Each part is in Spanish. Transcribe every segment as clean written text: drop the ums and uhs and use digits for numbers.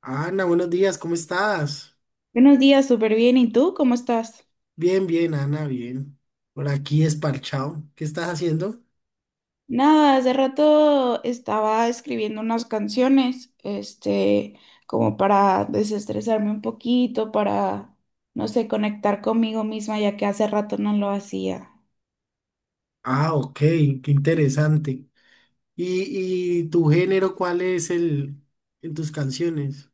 Ana, buenos días, ¿cómo estás? Buenos días, súper bien. ¿Y tú cómo estás? Bien, bien, Ana, bien. Por aquí desparchado. ¿Qué estás haciendo? Nada, hace rato estaba escribiendo unas canciones, como para desestresarme un poquito, para, no sé, conectar conmigo misma, ya que hace rato no lo hacía. Ah, ok, qué interesante. ¿Y tu género cuál es el en tus canciones?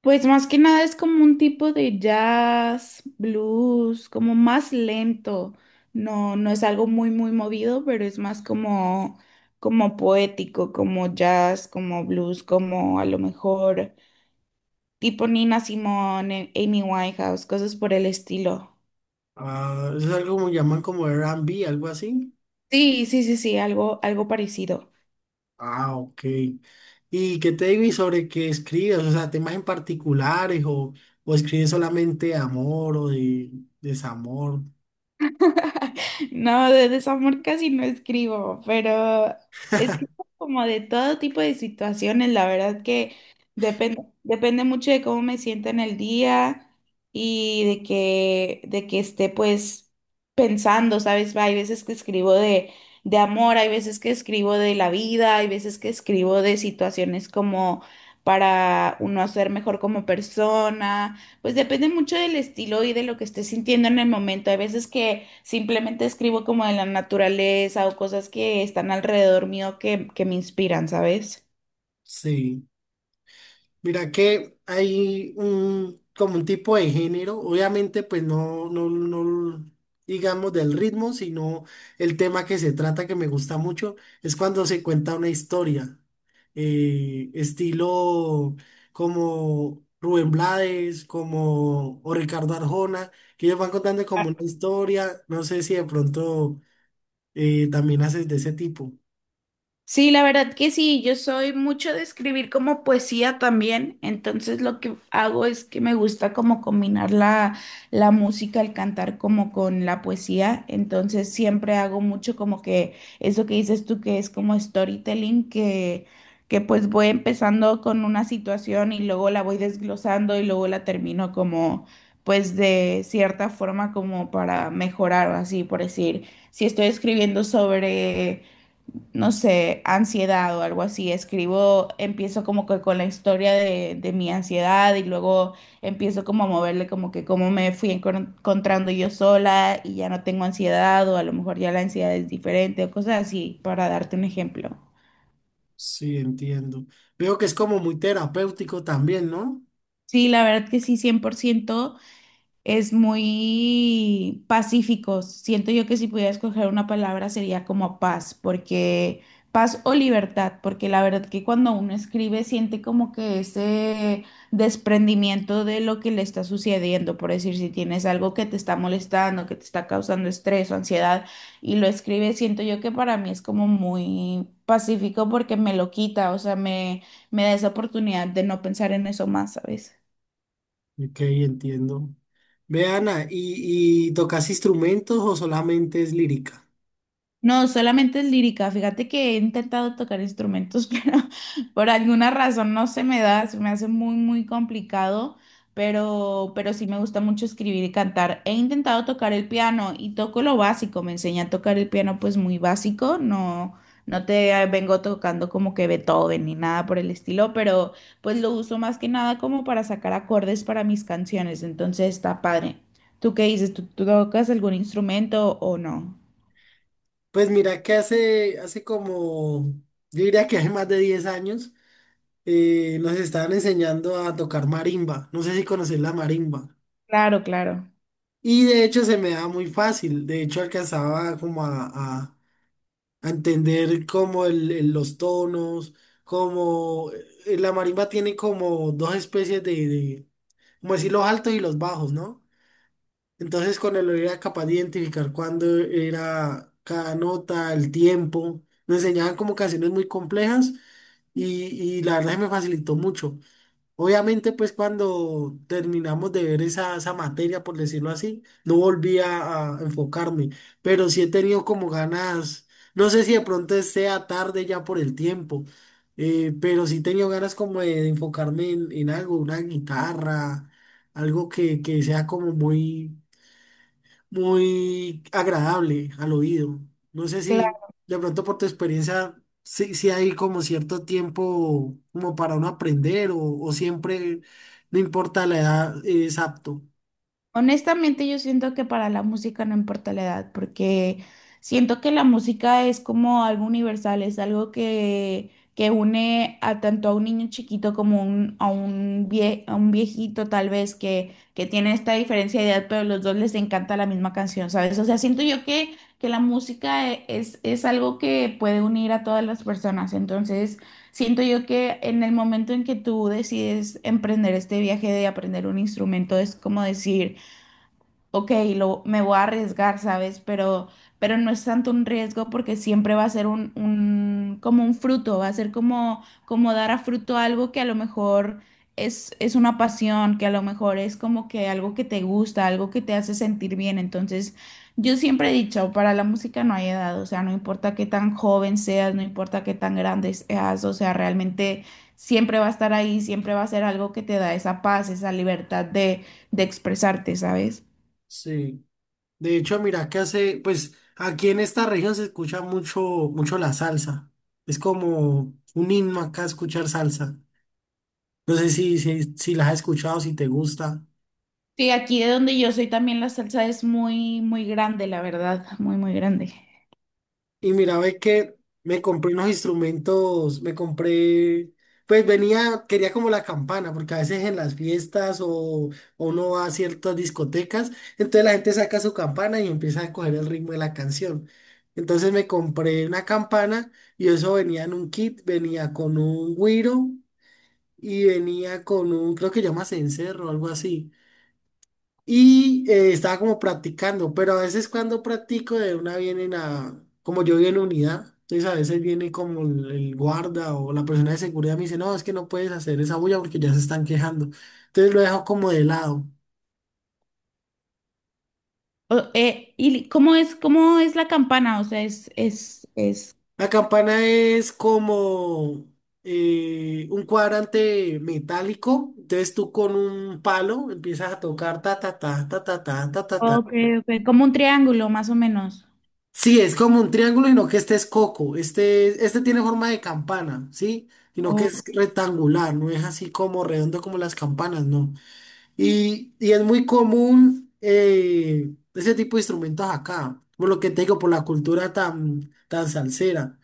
Pues más que nada es como un tipo de jazz, blues, como más lento. No, no es algo muy, muy movido, pero es más como poético, como jazz, como blues, como a lo mejor, tipo Nina Simone, Amy Winehouse, cosas por el estilo. Ah, eso es algo como llaman como R&B, algo así. Sí, sí, sí, sí, algo parecido. Ah, ok. ¿Y qué te digo y sobre qué escribes? O sea, temas en particulares o escribes solamente de amor o de desamor. No, de desamor casi no escribo, pero escribo como de todo tipo de situaciones. La verdad que depende mucho de cómo me siento en el día y de que esté pues pensando, ¿sabes? Hay veces que escribo de amor, hay veces que escribo de la vida, hay veces que escribo de situaciones como para uno ser mejor como persona. Pues depende mucho del estilo y de lo que esté sintiendo en el momento. Hay veces que simplemente escribo como de la naturaleza o cosas que están alrededor mío que me inspiran, ¿sabes? Sí. Mira que hay un, como un tipo de género, obviamente pues no, no, no digamos del ritmo, sino el tema que se trata que me gusta mucho, es cuando se cuenta una historia, estilo como Rubén Blades, como o Ricardo Arjona, que ellos van contando como una historia, no sé si de pronto también haces de ese tipo. Sí, la verdad que sí, yo soy mucho de escribir como poesía también, entonces lo que hago es que me gusta como combinar la música, el cantar como con la poesía, entonces siempre hago mucho como que eso que dices tú que es como storytelling, que pues voy empezando con una situación y luego la voy desglosando y luego la termino como pues de cierta forma como para mejorar, así por decir, si estoy escribiendo sobre no sé, ansiedad o algo así. Escribo, empiezo como que con la historia de mi ansiedad y luego empiezo como a moverle como que cómo me fui encontrando yo sola y ya no tengo ansiedad o a lo mejor ya la ansiedad es diferente o cosas así, para darte un ejemplo. Sí, entiendo. Veo que es como muy terapéutico también, ¿no? Sí, la verdad que sí, 100% es muy pacíficos. Siento yo que si pudiera escoger una palabra sería como paz, porque paz o libertad, porque la verdad que cuando uno escribe siente como que ese desprendimiento de lo que le está sucediendo, por decir, si tienes algo que te está molestando, que te está causando estrés o ansiedad y lo escribes, siento yo que para mí es como muy pacífico porque me lo quita, o sea, me da esa oportunidad de no pensar en eso más, ¿sabes? Ok, entiendo. Ve, Ana, ¿Y tocas instrumentos o solamente es lírica? No, solamente es lírica. Fíjate que he intentado tocar instrumentos, pero por alguna razón no se me da, se me hace muy, muy complicado, pero sí me gusta mucho escribir y cantar. He intentado tocar el piano y toco lo básico. Me enseñé a tocar el piano pues muy básico, no, no te vengo tocando como que Beethoven ni nada por el estilo, pero pues lo uso más que nada como para sacar acordes para mis canciones, entonces está padre. ¿Tú qué dices? ¿Tú tocas algún instrumento o no? Pues mira que hace como, yo diría que hace más de 10 años, nos estaban enseñando a tocar marimba. No sé si conoces la marimba. Claro, claro. Y de hecho se me daba muy fácil. De hecho alcanzaba como a entender como los tonos, como la marimba tiene como dos especies de, como decir, los altos y los bajos, ¿no? Entonces, con el él era capaz de identificar cuándo era cada nota, el tiempo. Nos enseñaban como canciones muy complejas y, y la verdad se me facilitó mucho. Obviamente, pues cuando terminamos de ver esa materia, por decirlo así, no volví a enfocarme, pero sí he tenido como ganas, no sé si de pronto sea tarde ya por el tiempo, pero sí he tenido ganas como de enfocarme en algo, una guitarra, algo que sea como muy muy agradable al oído. No sé si Claro. de pronto por tu experiencia, si hay como cierto tiempo como para uno aprender o siempre, no importa la edad, es apto. Honestamente, yo siento que para la música no importa la edad, porque siento que la música es como algo universal, es algo que une a tanto a un niño chiquito como a un viejito tal vez que tiene esta diferencia de edad, pero a los dos les encanta la misma canción, ¿sabes? O sea, siento yo que la música es algo que puede unir a todas las personas, entonces siento yo que en el momento en que tú decides emprender este viaje de aprender un instrumento, es como decir ok, me voy a arriesgar, ¿sabes? Pero no es tanto un riesgo porque siempre va a ser como un fruto, va a ser como, dar a fruto algo que a lo mejor es una pasión, que a lo mejor es como que algo que te gusta, algo que te hace sentir bien. Entonces, yo siempre he dicho, para la música no hay edad, o sea, no importa qué tan joven seas, no importa qué tan grande seas, o sea, realmente siempre va a estar ahí, siempre va a ser algo que te da esa paz, esa libertad de expresarte, ¿sabes? Sí. De hecho, mira que hace, pues aquí en esta región se escucha mucho, mucho la salsa. Es como un himno acá escuchar salsa. No sé si la has escuchado, si te gusta. Sí, aquí de donde yo soy también la salsa es muy, muy grande, la verdad, muy, muy grande. Y mira, ve que me compré unos instrumentos, me compré, pues venía, quería como la campana, porque a veces en las fiestas o uno va a ciertas discotecas, entonces la gente saca su campana y empieza a coger el ritmo de la canción. Entonces me compré una campana y eso venía en un kit, venía con un güiro y venía con un, creo que llama cencerro o algo así. Y estaba como practicando, pero a veces cuando practico de una vienen a, como yo vivo en unidad, entonces a veces viene como el guarda o la persona de seguridad me dice, no, es que no puedes hacer esa bulla porque ya se están quejando. Entonces lo dejo como de lado. ¿Y cómo es la campana? O sea, es. La campana es como un cuadrante metálico, entonces tú con un palo empiezas a tocar ta ta ta ta ta ta ta ta ta. Ok, ok, como un triángulo, más o menos. Sí, es como un triángulo, y no que este es coco. Este tiene forma de campana, ¿sí? Sino que es Ok. rectangular, no es así como redondo como las campanas, ¿no? Y es muy común ese tipo de instrumentos acá, por lo que te digo, por la cultura tan, tan salsera.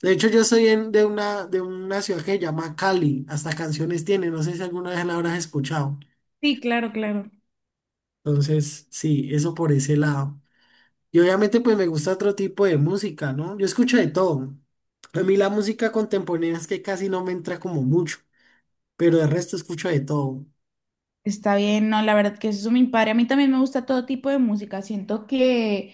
De hecho, yo soy de una, ciudad que se llama Cali, hasta canciones tiene, no sé si alguna vez la habrás escuchado. Sí, claro, claro. Entonces, sí, eso por ese lado. Y obviamente pues me gusta otro tipo de música, ¿no? Yo escucho de todo. A mí la música contemporánea es que casi no me entra como mucho, pero el resto escucho de todo. Está bien, no, la verdad que eso es mi padre. A mí también me gusta todo tipo de música. Siento que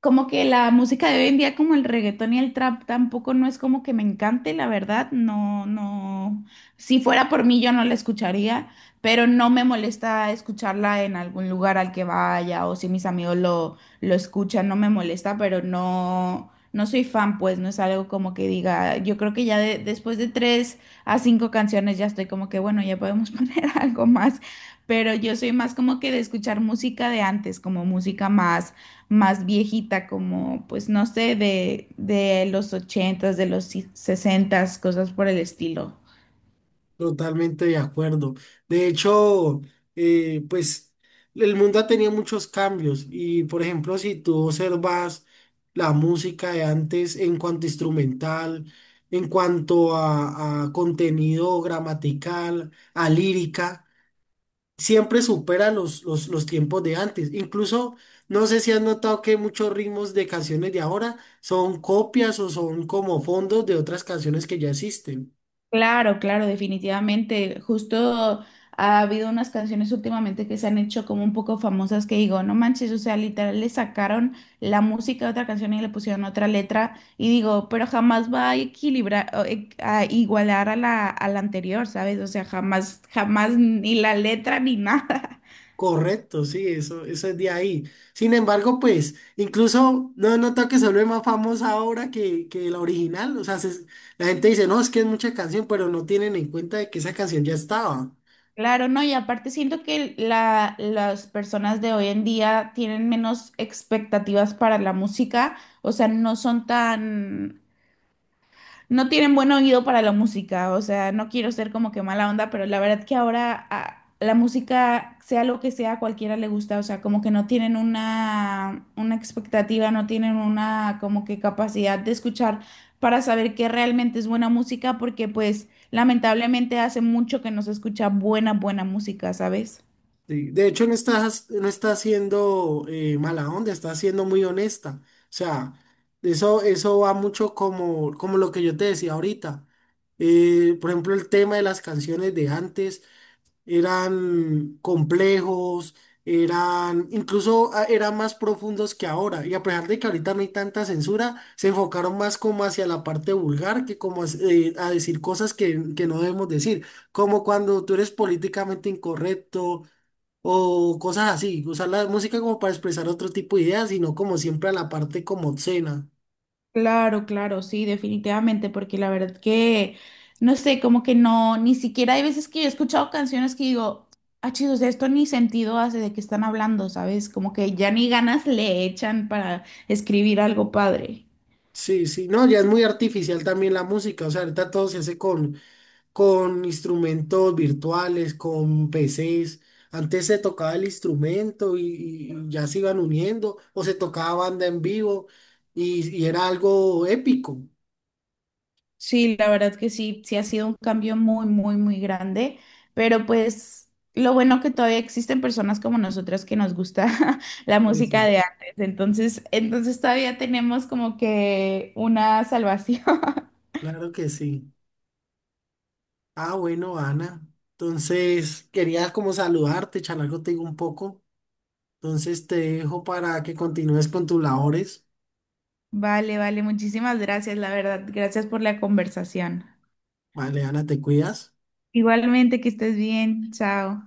como que la música de hoy en día, como el reggaetón y el trap, tampoco no es como que me encante, la verdad, no, no, si fuera por mí yo no la escucharía, pero no me molesta escucharla en algún lugar al que vaya o si mis amigos lo escuchan, no me molesta, pero no, no soy fan, pues no es algo como que diga, yo creo que ya después de tres a cinco canciones ya estoy como que, bueno, ya podemos poner algo más, pero yo soy más como que de escuchar música de antes, como música más viejita, como pues no sé, de los ochentas, de los sesentas, cosas por el estilo. Totalmente de acuerdo. De hecho, pues el mundo ha tenido muchos cambios y por ejemplo, si tú observas la música de antes en cuanto a instrumental, en cuanto a contenido gramatical, a lírica. Siempre supera los tiempos de antes. Incluso, no sé si has notado que muchos ritmos de canciones de ahora son copias o son como fondos de otras canciones que ya existen. Claro, claro, definitivamente. Justo ha habido unas canciones últimamente que se han hecho como un poco famosas que digo, no manches, o sea, literal le sacaron la música de otra canción y le pusieron otra letra y digo, pero jamás va a equilibrar, o, a igualar a la anterior, ¿sabes? O sea, jamás, jamás ni la letra ni nada. Correcto, sí, eso es de ahí. Sin embargo, pues, incluso no he notado que se vuelve más famosa ahora que la original. O sea, la gente dice, no, es que es mucha canción, pero no tienen en cuenta de que esa canción ya estaba. Claro, no, y aparte siento que las personas de hoy en día tienen menos expectativas para la música, o sea, no son tan no tienen buen oído para la música, o sea, no quiero ser como que mala onda, pero la verdad que ahora la música, sea lo que sea, a cualquiera le gusta, o sea, como que no tienen una expectativa, no tienen una como que capacidad de escuchar para saber qué realmente es buena música, porque pues lamentablemente hace mucho que no se escucha buena, buena música, ¿sabes? Sí, de hecho, no está siendo mala onda, está siendo muy honesta. O sea, eso va mucho como lo que yo te decía ahorita. Por ejemplo, el tema de las canciones de antes eran complejos, eran incluso eran más profundos que ahora. Y a pesar de que ahorita no hay tanta censura, se enfocaron más como hacia la parte vulgar que como a decir cosas que no debemos decir. Como cuando tú eres políticamente incorrecto o cosas así, usar la música como para expresar otro tipo de ideas, sino como siempre a la parte como obscena. Claro, claro, sí, definitivamente, porque la verdad que, no sé, como que no, ni siquiera hay veces que yo he escuchado canciones que digo, ah, chido, o sea, esto ni sentido hace de qué están hablando, ¿sabes? Como que ya ni ganas le echan para escribir algo padre. Sí, sí, no, ya es muy artificial también la música, o sea, ahorita todo se hace con instrumentos virtuales, con PCs. Antes se tocaba el instrumento y ya se iban uniendo, o se tocaba banda en vivo y era algo épico. Sí, la verdad que sí, sí ha sido un cambio muy, muy, muy grande, pero pues lo bueno que todavía existen personas como nosotras que nos gusta la música Eso, de antes, entonces todavía tenemos como que una salvación. claro que sí. Ah, bueno, Ana. Entonces, quería como saludarte, charlar contigo un poco. Entonces te dejo para que continúes con tus labores. Vale, vale, muchísimas gracias, la verdad. Gracias por la conversación. Vale, Ana, te cuidas. Igualmente, que estés bien. Chao.